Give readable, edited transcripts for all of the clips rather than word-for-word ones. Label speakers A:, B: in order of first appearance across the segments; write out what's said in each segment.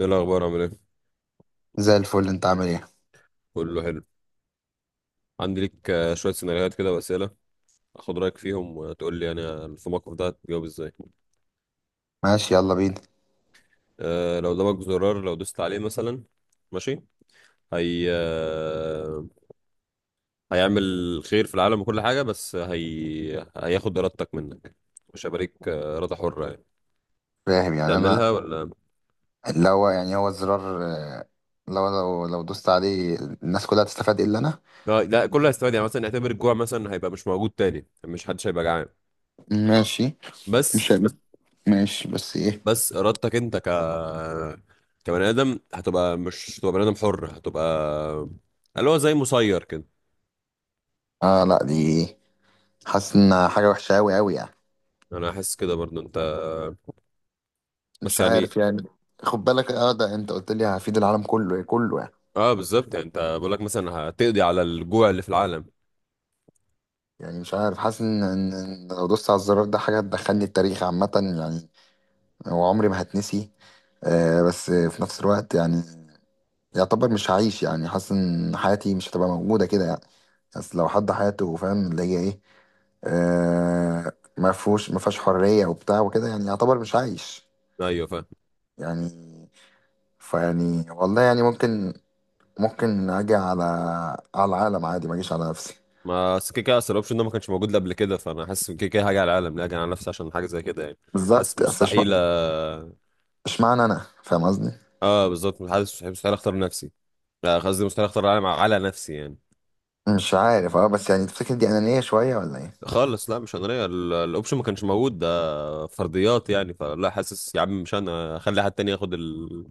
A: ايه الاخبار، عامل ايه؟
B: زي الفل، انت عامل ايه؟
A: كله حلو. عندي ليك شويه سيناريوهات كده واسئله، اخد رايك فيهم وتقول لي يعني في الموقف ده هتجاوب ازاي.
B: ماشي، يلا بينا.
A: لو قدامك زرار لو دوست عليه مثلا. ماشي. هي هيعمل خير في العالم وكل حاجه، بس هي هياخد ارادتك منك. مش هيبقى ليك اراده حره يعني،
B: فاهم يعني انا.
A: تعملها ولا؟
B: اللي هو يعني هو الزرار، لو دوست عليه، الناس كلها هتستفاد الا انا.
A: آه لا، كله هيستفاد، يعني مثلا اعتبر الجوع مثلا هيبقى مش موجود تاني، مش حدش هيبقى جعان.
B: ماشي. مش
A: بس
B: بس. ماشي، بس ايه؟
A: بس ارادتك انت، كبني ادم هتبقى، مش هتبقى بني ادم حر، هتبقى اللي هو زي مسير كده.
B: اه لا دي، حاسس ان حاجه وحشه قوي قوي يعني.
A: انا احس كده برضو انت، بس
B: مش
A: يعني.
B: عارف يعني. خد بالك، اه ده انت قلت لي هفيد العالم كله، كله يعني.
A: اه بالظبط، يعني انت بقول لك مثلا هتقضي على الجوع اللي في العالم.
B: يعني مش عارف، حاسس ان ان لو دوست على الزرار ده حاجه تدخلني التاريخ عامه، يعني، وعمري ما هتنسي. بس في نفس الوقت يعني، يعتبر مش هعيش، يعني حاسس ان حياتي مش هتبقى موجودة كده يعني. بس لو حد حياته فاهم اللي هي ايه، آه، ما فيهوش ما فيهاش حرية وبتاع وكده، يعني يعتبر مش عايش
A: ايوه، فاهم.
B: يعني. فيعني والله يعني ممكن، ممكن اجي على، على العالم عادي، ما اجيش على نفسي.
A: ما أصل كده كده اصل الاوبشن ده ما كانش موجود قبل كده، فانا حاسس إن كده كده هاجي على العالم، لا هاجي على نفسي عشان حاجه زي كده يعني. حاسس
B: بالظبط،
A: مستحيل، اه.
B: اشمعنى انا، فاهم قصدي؟
A: آه، بالظبط، حاسس مستحيل اختار نفسي. لا قصدي مستحيل اختار العالم على نفسي يعني.
B: مش عارف، اه بس يعني تفتكر دي انانية شوية ولا ايه؟
A: خالص لا، مش انا الاوبشن ما كانش موجود، ده فرضيات يعني. فلا، حاسس يا عم، مش انا اخلي حد تاني ياخد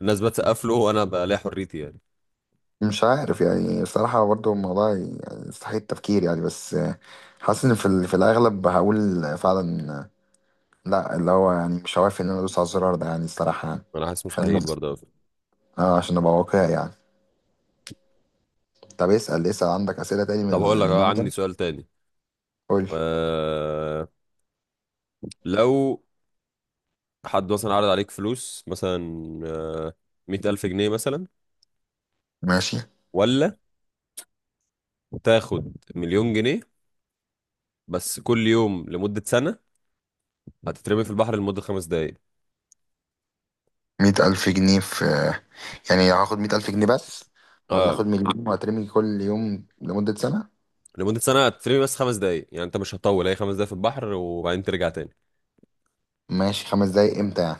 A: الناس بتسقف له وانا بلاقي حريتي يعني.
B: مش عارف يعني، الصراحة برضه الموضوع يعني يستحيل التفكير يعني. بس حاسس في الأغلب هقول فعلا لأ، اللي هو يعني مش هوافق إن أنا أدوس على الزرار ده، يعني الصراحة يعني.
A: انا حاسس مستحيل
B: خلينا
A: برضه أوي.
B: عشان أبقى واقعي يعني. طب اسأل، عندك أسئلة تاني
A: طب هقول لك،
B: من
A: اه،
B: النوع
A: عندي
B: ده؟
A: سؤال تاني.
B: قول.
A: أه... لو حد مثلا عرض عليك فلوس مثلا، أه... 100,000 جنيه مثلا،
B: ماشي.
A: ولا تاخد مليون جنيه بس كل يوم لمدة سنة هتترمي في البحر لمدة 5 دقايق.
B: مية ألف جنيه في... يعني هاخد مية ألف جنيه بس، ولا
A: اه
B: آخد مليون وهترمي كل يوم لمدة سنة؟
A: لمدة سنة هتترمي بس 5 دقايق، يعني انت مش هتطول، هي 5 دقايق في البحر وبعدين ترجع تاني.
B: ماشي، خمس دقايق إمتى يعني؟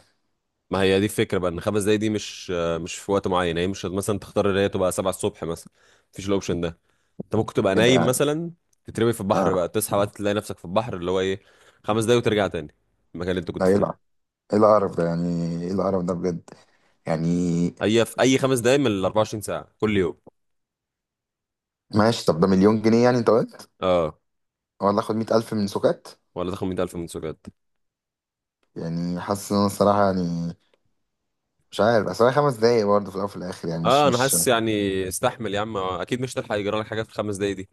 A: ما هي دي الفكرة بقى، ان 5 دقايق دي مش في وقت معين، يعني هي مش مثلا تختار ان هي تبقى 7 الصبح مثلا، مفيش الاوبشن ده. انت ممكن تبقى
B: كده
A: نايم
B: يعني.
A: مثلا، تترمي في البحر بقى،
B: آه.
A: تصحى بقى تلاقي نفسك في البحر، اللي هو ايه، 5 دقايق وترجع تاني المكان اللي انت كنت
B: لا يلعب،
A: فيه.
B: إيه القرف ده يعني؟ إيه القرف ده بجد يعني؟
A: هي في اي 5 دقايق من ال 24 ساعة كل يوم.
B: ماشي، طب ده مليون جنيه يعني انت قلت،
A: اه،
B: ولا اخد مية ألف من سكات؟
A: ولا تاخد 100,000 من سجاد.
B: يعني حاسس ان انا الصراحة يعني، مش عارف اصل هي خمس دقايق برضه في الأول وفي الآخر، يعني مش
A: اه انا
B: مش
A: حاسس يعني، استحمل يا عم، اكيد مش هتلحق يجرى لك حاجة في الخمس دقايق.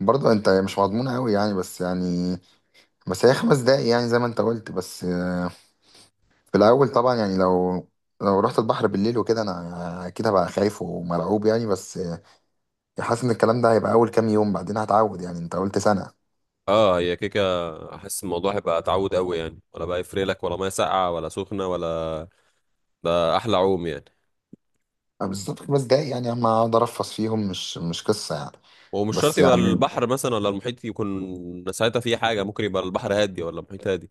B: برضه انت مش مضمون قوي يعني. بس يعني بس هي خمس دقايق، يعني زي ما انت قلت، بس آه، في الأول طبعا يعني، لو رحت البحر بالليل وكده انا اكيد هبقى خايف ومرعوب يعني، بس آه، حاسس ان الكلام ده هيبقى اول كام يوم بعدين هتعود، يعني انت قلت سنة.
A: اه هي كيكه، احس الموضوع هيبقى تعود قوي يعني، ولا بقى يفرق لك ولا ميه ساقعه ولا سخنه ولا، ده احلى عوم يعني.
B: بالظبط، خمس دقايق يعني، اما اقعد ارفس فيهم مش قصة يعني.
A: ومش شرط
B: بس
A: يبقى
B: يعني،
A: البحر مثلا ولا المحيط يكون ساعتها فيه حاجه، ممكن يبقى البحر هادي ولا المحيط هادي.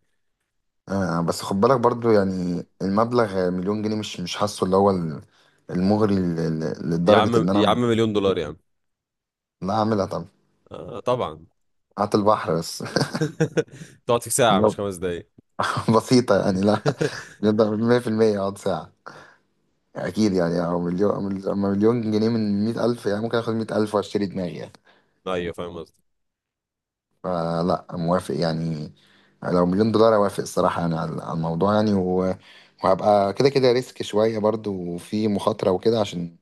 B: بس خد بالك برضو يعني، المبلغ مليون جنيه مش حاسه اللي هو المغري
A: يا
B: لدرجة
A: عم
B: إن
A: يا
B: أنا
A: عم مليون دولار يا عم.
B: لا أعملها طبعا.
A: آه طبعا.
B: هات البحر بس.
A: تقعد في ساعه مش
B: لو
A: 5 دقايق.
B: بسيطة يعني، لا نقدر 100% أقعد ساعة أكيد يعني. أو مليون، أما مليون جنيه من 100,000، يعني ممكن آخد 100,000 وأشتري دماغي يعني،
A: ايوه فاهم قصدي.
B: فلا موافق يعني. لو مليون دولار أوافق الصراحة يعني على، على الموضوع يعني. وهبقى كده كده ريسك شوية برضو، وفي مخاطرة وكده، عشان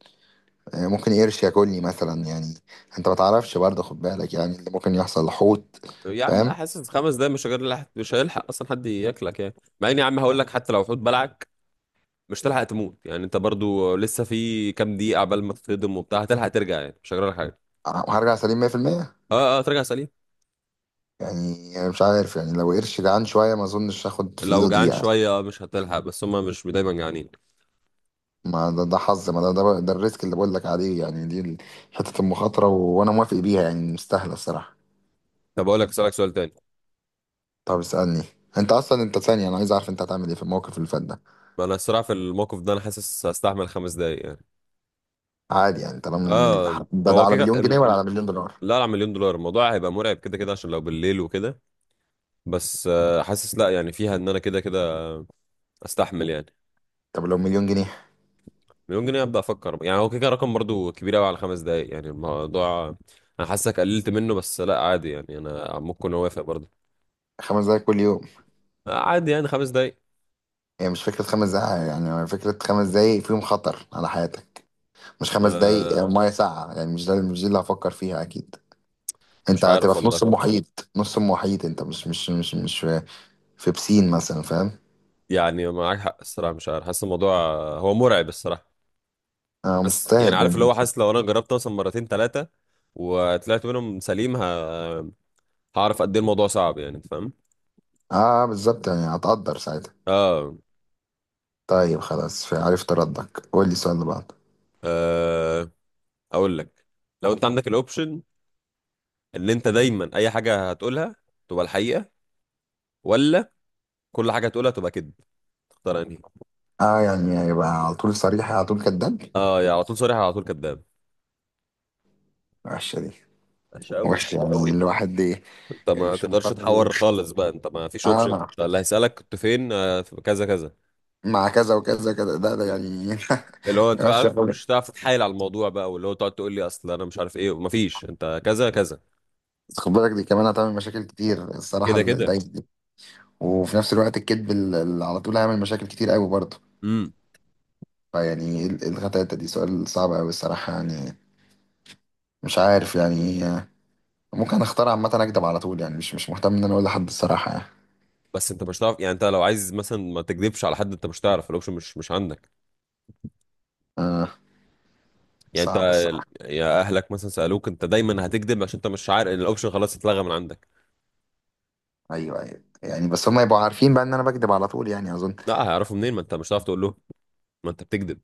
B: يعني ممكن قرش ياكلني مثلا يعني. انت ما تعرفش برضه، خد بالك يعني اللي ممكن يحصل حوت.
A: يا عم لا،
B: فاهم؟
A: حاسس 5 دقايق، مش هيلحق اصلا حد ياكلك يعني. مع اني يا عم هقول لك حتى لو حوت بلعك مش تلحق تموت، يعني انت برضو لسه في كام دقيقه عبال ما تتصدم وبتاع هتلحق ترجع، يعني مش هجرى لك حاجه.
B: هرجع سليم 100%
A: اه اه ترجع سليم.
B: يعني. أنا مش عارف يعني، لو قرش جعان شويه ما اظنش هاخد في
A: لو
B: ايده دي
A: جعان
B: يعني.
A: شويه مش هتلحق، بس هما مش دايما جعانين.
B: ما ده, ده حظ، ما ده, ده ده الريسك اللي بقول لك عليه، يعني دي حته المخاطره، وانا موافق بيها يعني، مستاهله الصراحه.
A: طب اقول لك، اسالك سؤال تاني.
B: طب اسالني. انت اصلا، انت ثانيه انا عايز اعرف انت هتعمل ايه في الموقف اللي فات ده.
A: ما انا الصراحه في الموقف ده انا حاسس هستحمل 5 دقايق يعني.
B: عادي يعني، طالما
A: اه
B: ده, ده
A: هو
B: على
A: كده
B: مليون جنيه ولا على مليون دولار؟
A: لا، على مليون دولار الموضوع هيبقى مرعب كده كده عشان لو بالليل وكده، بس آه، حاسس لا يعني فيها ان انا كده كده استحمل يعني.
B: طب لو مليون جنيه؟
A: مليون جنيه ابدا افكر، يعني هو كده كده رقم برضو كبير قوي على 5 دقايق، يعني الموضوع انا حاسك قللت منه، بس لا عادي يعني، انا ممكن اوافق برضو.
B: خمس دقايق كل يوم.
A: عادي يعني 5 دقايق.
B: هي مش فكرة خمس دقايق يعني، هي فكرة خمس دقايق فيهم خطر على حياتك، مش خمس دقايق يعني
A: أه.
B: مية ساقعة يعني، مش ده، مش دي اللي هفكر فيها أكيد.
A: مش
B: أنت
A: عارف
B: هتبقى في نص
A: والله،
B: المحيط، نص المحيط، أنت مش في بسين مثلا، فاهم؟
A: يعني معاك حق الصراحه، مش عارف، حاسس الموضوع هو مرعب الصراحه.
B: أه
A: بس يعني
B: مستاهل
A: عارف اللي
B: يعني.
A: هو، حاسس لو انا جربت مثلا مرتين ثلاثه وطلعت منهم سليم، هعرف قد ايه الموضوع صعب يعني، انت فاهم.
B: أه بالظبط يعني، هتقدر ساعتها.
A: اه.
B: طيب خلاص عرفت ردك، قول لي السؤال اللي بعده.
A: آه، اقول لك، لو انت عندك الاوبشن ان انت دايما اي حاجه هتقولها تبقى الحقيقه، ولا كل حاجه تقولها تبقى كذب، تختار انهي؟
B: أه يعني، هيبقى على طول صريح، على طول كذاب.
A: اه يا على طول صريح، يا على طول كذاب.
B: وحشة دي،
A: ماشي قوي.
B: وحشة يعني الواحد دي.
A: انت
B: يعني
A: ما
B: مش
A: تقدرش
B: مضطر.
A: تحور خالص بقى، انت ما فيش اوبشن،
B: اه.
A: اللي هيسالك كنت فين في كذا كذا.
B: مع كذا وكذا وكذا، ده يعني
A: اللي هو انت
B: وحش
A: عارف
B: قوي،
A: مش هتعرف تتحايل على الموضوع بقى، واللي هو تقعد تقول لي اصل انا مش عارف ايه، ما فيش، انت كذا كذا
B: خد بالك دي كمان هتعمل مشاكل كتير الصراحه
A: كده كده.
B: الدايت دي. وفي نفس الوقت الكذب اللي على طول هيعمل مشاكل كتير قوي برضه.
A: امم.
B: فيعني ايه الغتاتة دي؟ سؤال صعب قوي الصراحه يعني، مش عارف يعني إيه. ممكن اختار عامه اكدب على طول، يعني مش مهتم ان انا اقول لحد الصراحه يعني.
A: بس انت مش هتعرف يعني، انت لو عايز مثلا ما تكذبش على حد، انت مش هتعرف، الاوبشن مش عندك يعني. انت
B: صعب الصراحه.
A: يا اهلك مثلا سالوك، انت دايما هتكذب عشان انت مش عارف، الاوبشن خلاص اتلغى من عندك.
B: ايوه، ايوه يعني، بس هم يبقوا عارفين بقى ان انا بكدب على طول يعني، اظن.
A: لا هيعرفوا منين؟ ما انت مش هتعرف تقول له ما انت بتكذب.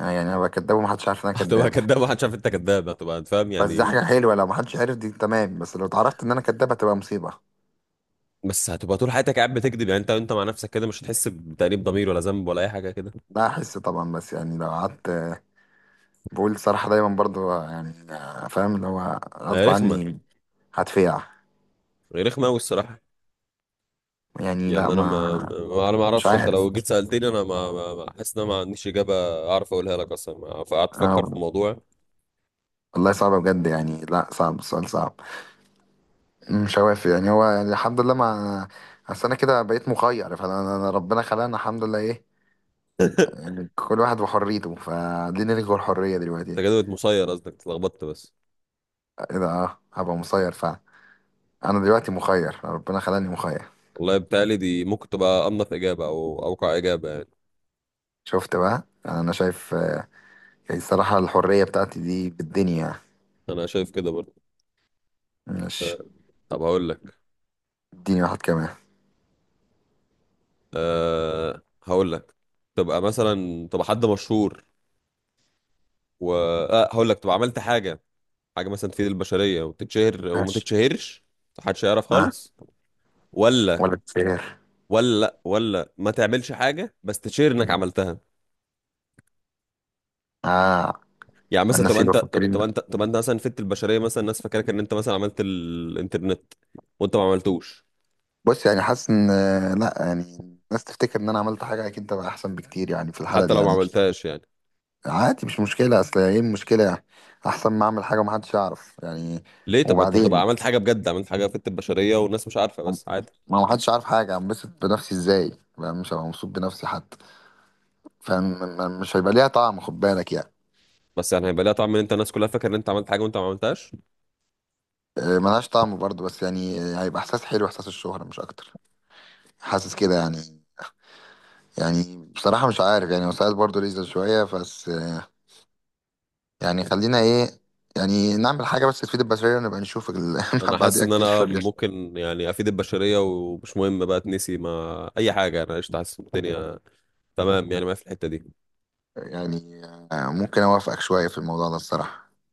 B: يعني، يعني انا بكدب ومحدش عارف ان انا
A: هتبقى
B: كداب؟
A: كداب محدش عارف انت كداب، هتبقى انت فاهم
B: بس دي
A: يعني.
B: حاجه حلوه لو محدش عارف، دي تمام. بس لو اتعرفت ان انا كداب هتبقى مصيبه.
A: بس هتبقى طول حياتك قاعد بتكذب، يعني انت مع نفسك كده مش هتحس بتأنيب ضمير ولا ذنب ولا اي حاجه كده.
B: لا احس طبعا، بس يعني لو قعدت بقول الصراحه دايما برضو يعني، فاهم اللي هو
A: هي
B: غصب
A: رخمه.
B: عني، هتفيع.
A: هي رخمه قوي الصراحه.
B: يعني لا
A: يعني انا
B: ما...
A: انا ما
B: مش
A: اعرفش، انت
B: عارف.
A: لو جيت سألتني انا حاسس ان انا ما عنديش اجابه اعرف اقولها لك اصلا، فقعدت افكر في
B: اه،
A: الموضوع.
B: والله صعبة بجد يعني، لا صعب، السؤال صعب. مش هوافق يعني، هو يعني الحمد لله، ما اصل انا كده بقيت مخير، فانا أنا ربنا خلقنا الحمد لله ايه، يعني كل واحد وحريته، فدي نلغي الحرية دلوقتي.
A: انت كده بقيت مسير قصدك، اتلخبطت بس.
B: ايه ده؟ اه هبقى مسير فعلا، انا دلوقتي مخير ربنا خلاني مخير.
A: والله بتهيألي دي ممكن تبقى انظف اجابه او اوقع اجابه يعني.
B: شفت بقى؟ يعني انا شايف يعني الصراحة الحرية بتاعتي دي بالدنيا يعني.
A: انا شايف كده برضه.
B: ماشي.
A: طب هقول لك.
B: اديني واحد كمان.
A: هقول لك تبقى مثلا تبقى حد مشهور، و هقول لك تبقى عملت حاجه، حاجه مثلا تفيد البشريه وتتشهر، وما
B: ماشي.
A: تتشهرش محدش يعرف
B: اه.
A: خالص، ولا
B: ولا كتير.
A: ولا لأ، ولا ما تعملش حاجه بس تشير انك عملتها؟
B: اه.
A: يعني مثلا
B: الناس
A: تبقى
B: يبقى
A: انت،
B: فاكرين.
A: تبقى انت مثلا فدت البشريه، مثلا الناس فاكرك ان انت مثلا عملت الانترنت وانت ما عملتوش،
B: بص يعني، حاسس ان لا يعني الناس تفتكر ان انا عملت حاجة، اكيد تبقى احسن بكتير يعني في الحالة
A: حتى
B: دي
A: لو ما
B: يعني.
A: عملتهاش يعني.
B: عادي، مش مشكلة، اصل ايه المشكلة يعني؟ احسن ما اعمل حاجة ومحدش يعرف يعني.
A: ليه؟ طب ما انت تبقى
B: وبعدين
A: عملت حاجه بجد، عملت حاجه فدت البشريه والناس مش عارفه، بس عادي.
B: ما محدش عارف حاجة، انبسط بنفسي ازاي بقى؟ مش هبقى مبسوط بنفسي حتى، فمش هيبقى ليها طعم، خد بالك يعني.
A: بس يعني هيبقى ليها طعم ان انت الناس كلها فاكره ان انت عملت حاجه وانت ما عملتهاش.
B: ملهاش طعم برضه، بس يعني هيبقى احساس حلو، احساس الشهرة مش اكتر، حاسس كده يعني. يعني بصراحة مش عارف يعني، وساعات برضه ليزر شوية، بس آه، يعني خلينا ايه، يعني نعمل حاجة بس تفيد البشرية ونبقى نشوف ال...
A: انا حاسس
B: بعديها
A: ان
B: كتير.
A: انا ممكن يعني افيد البشريه، ومش مهم بقى تنسي، ما اي حاجه، انا قشطه، حاسس إن الدنيا تمام يعني، ما في الحته دي.
B: يعني ممكن اوافقك شوية في الموضوع ده الصراحة.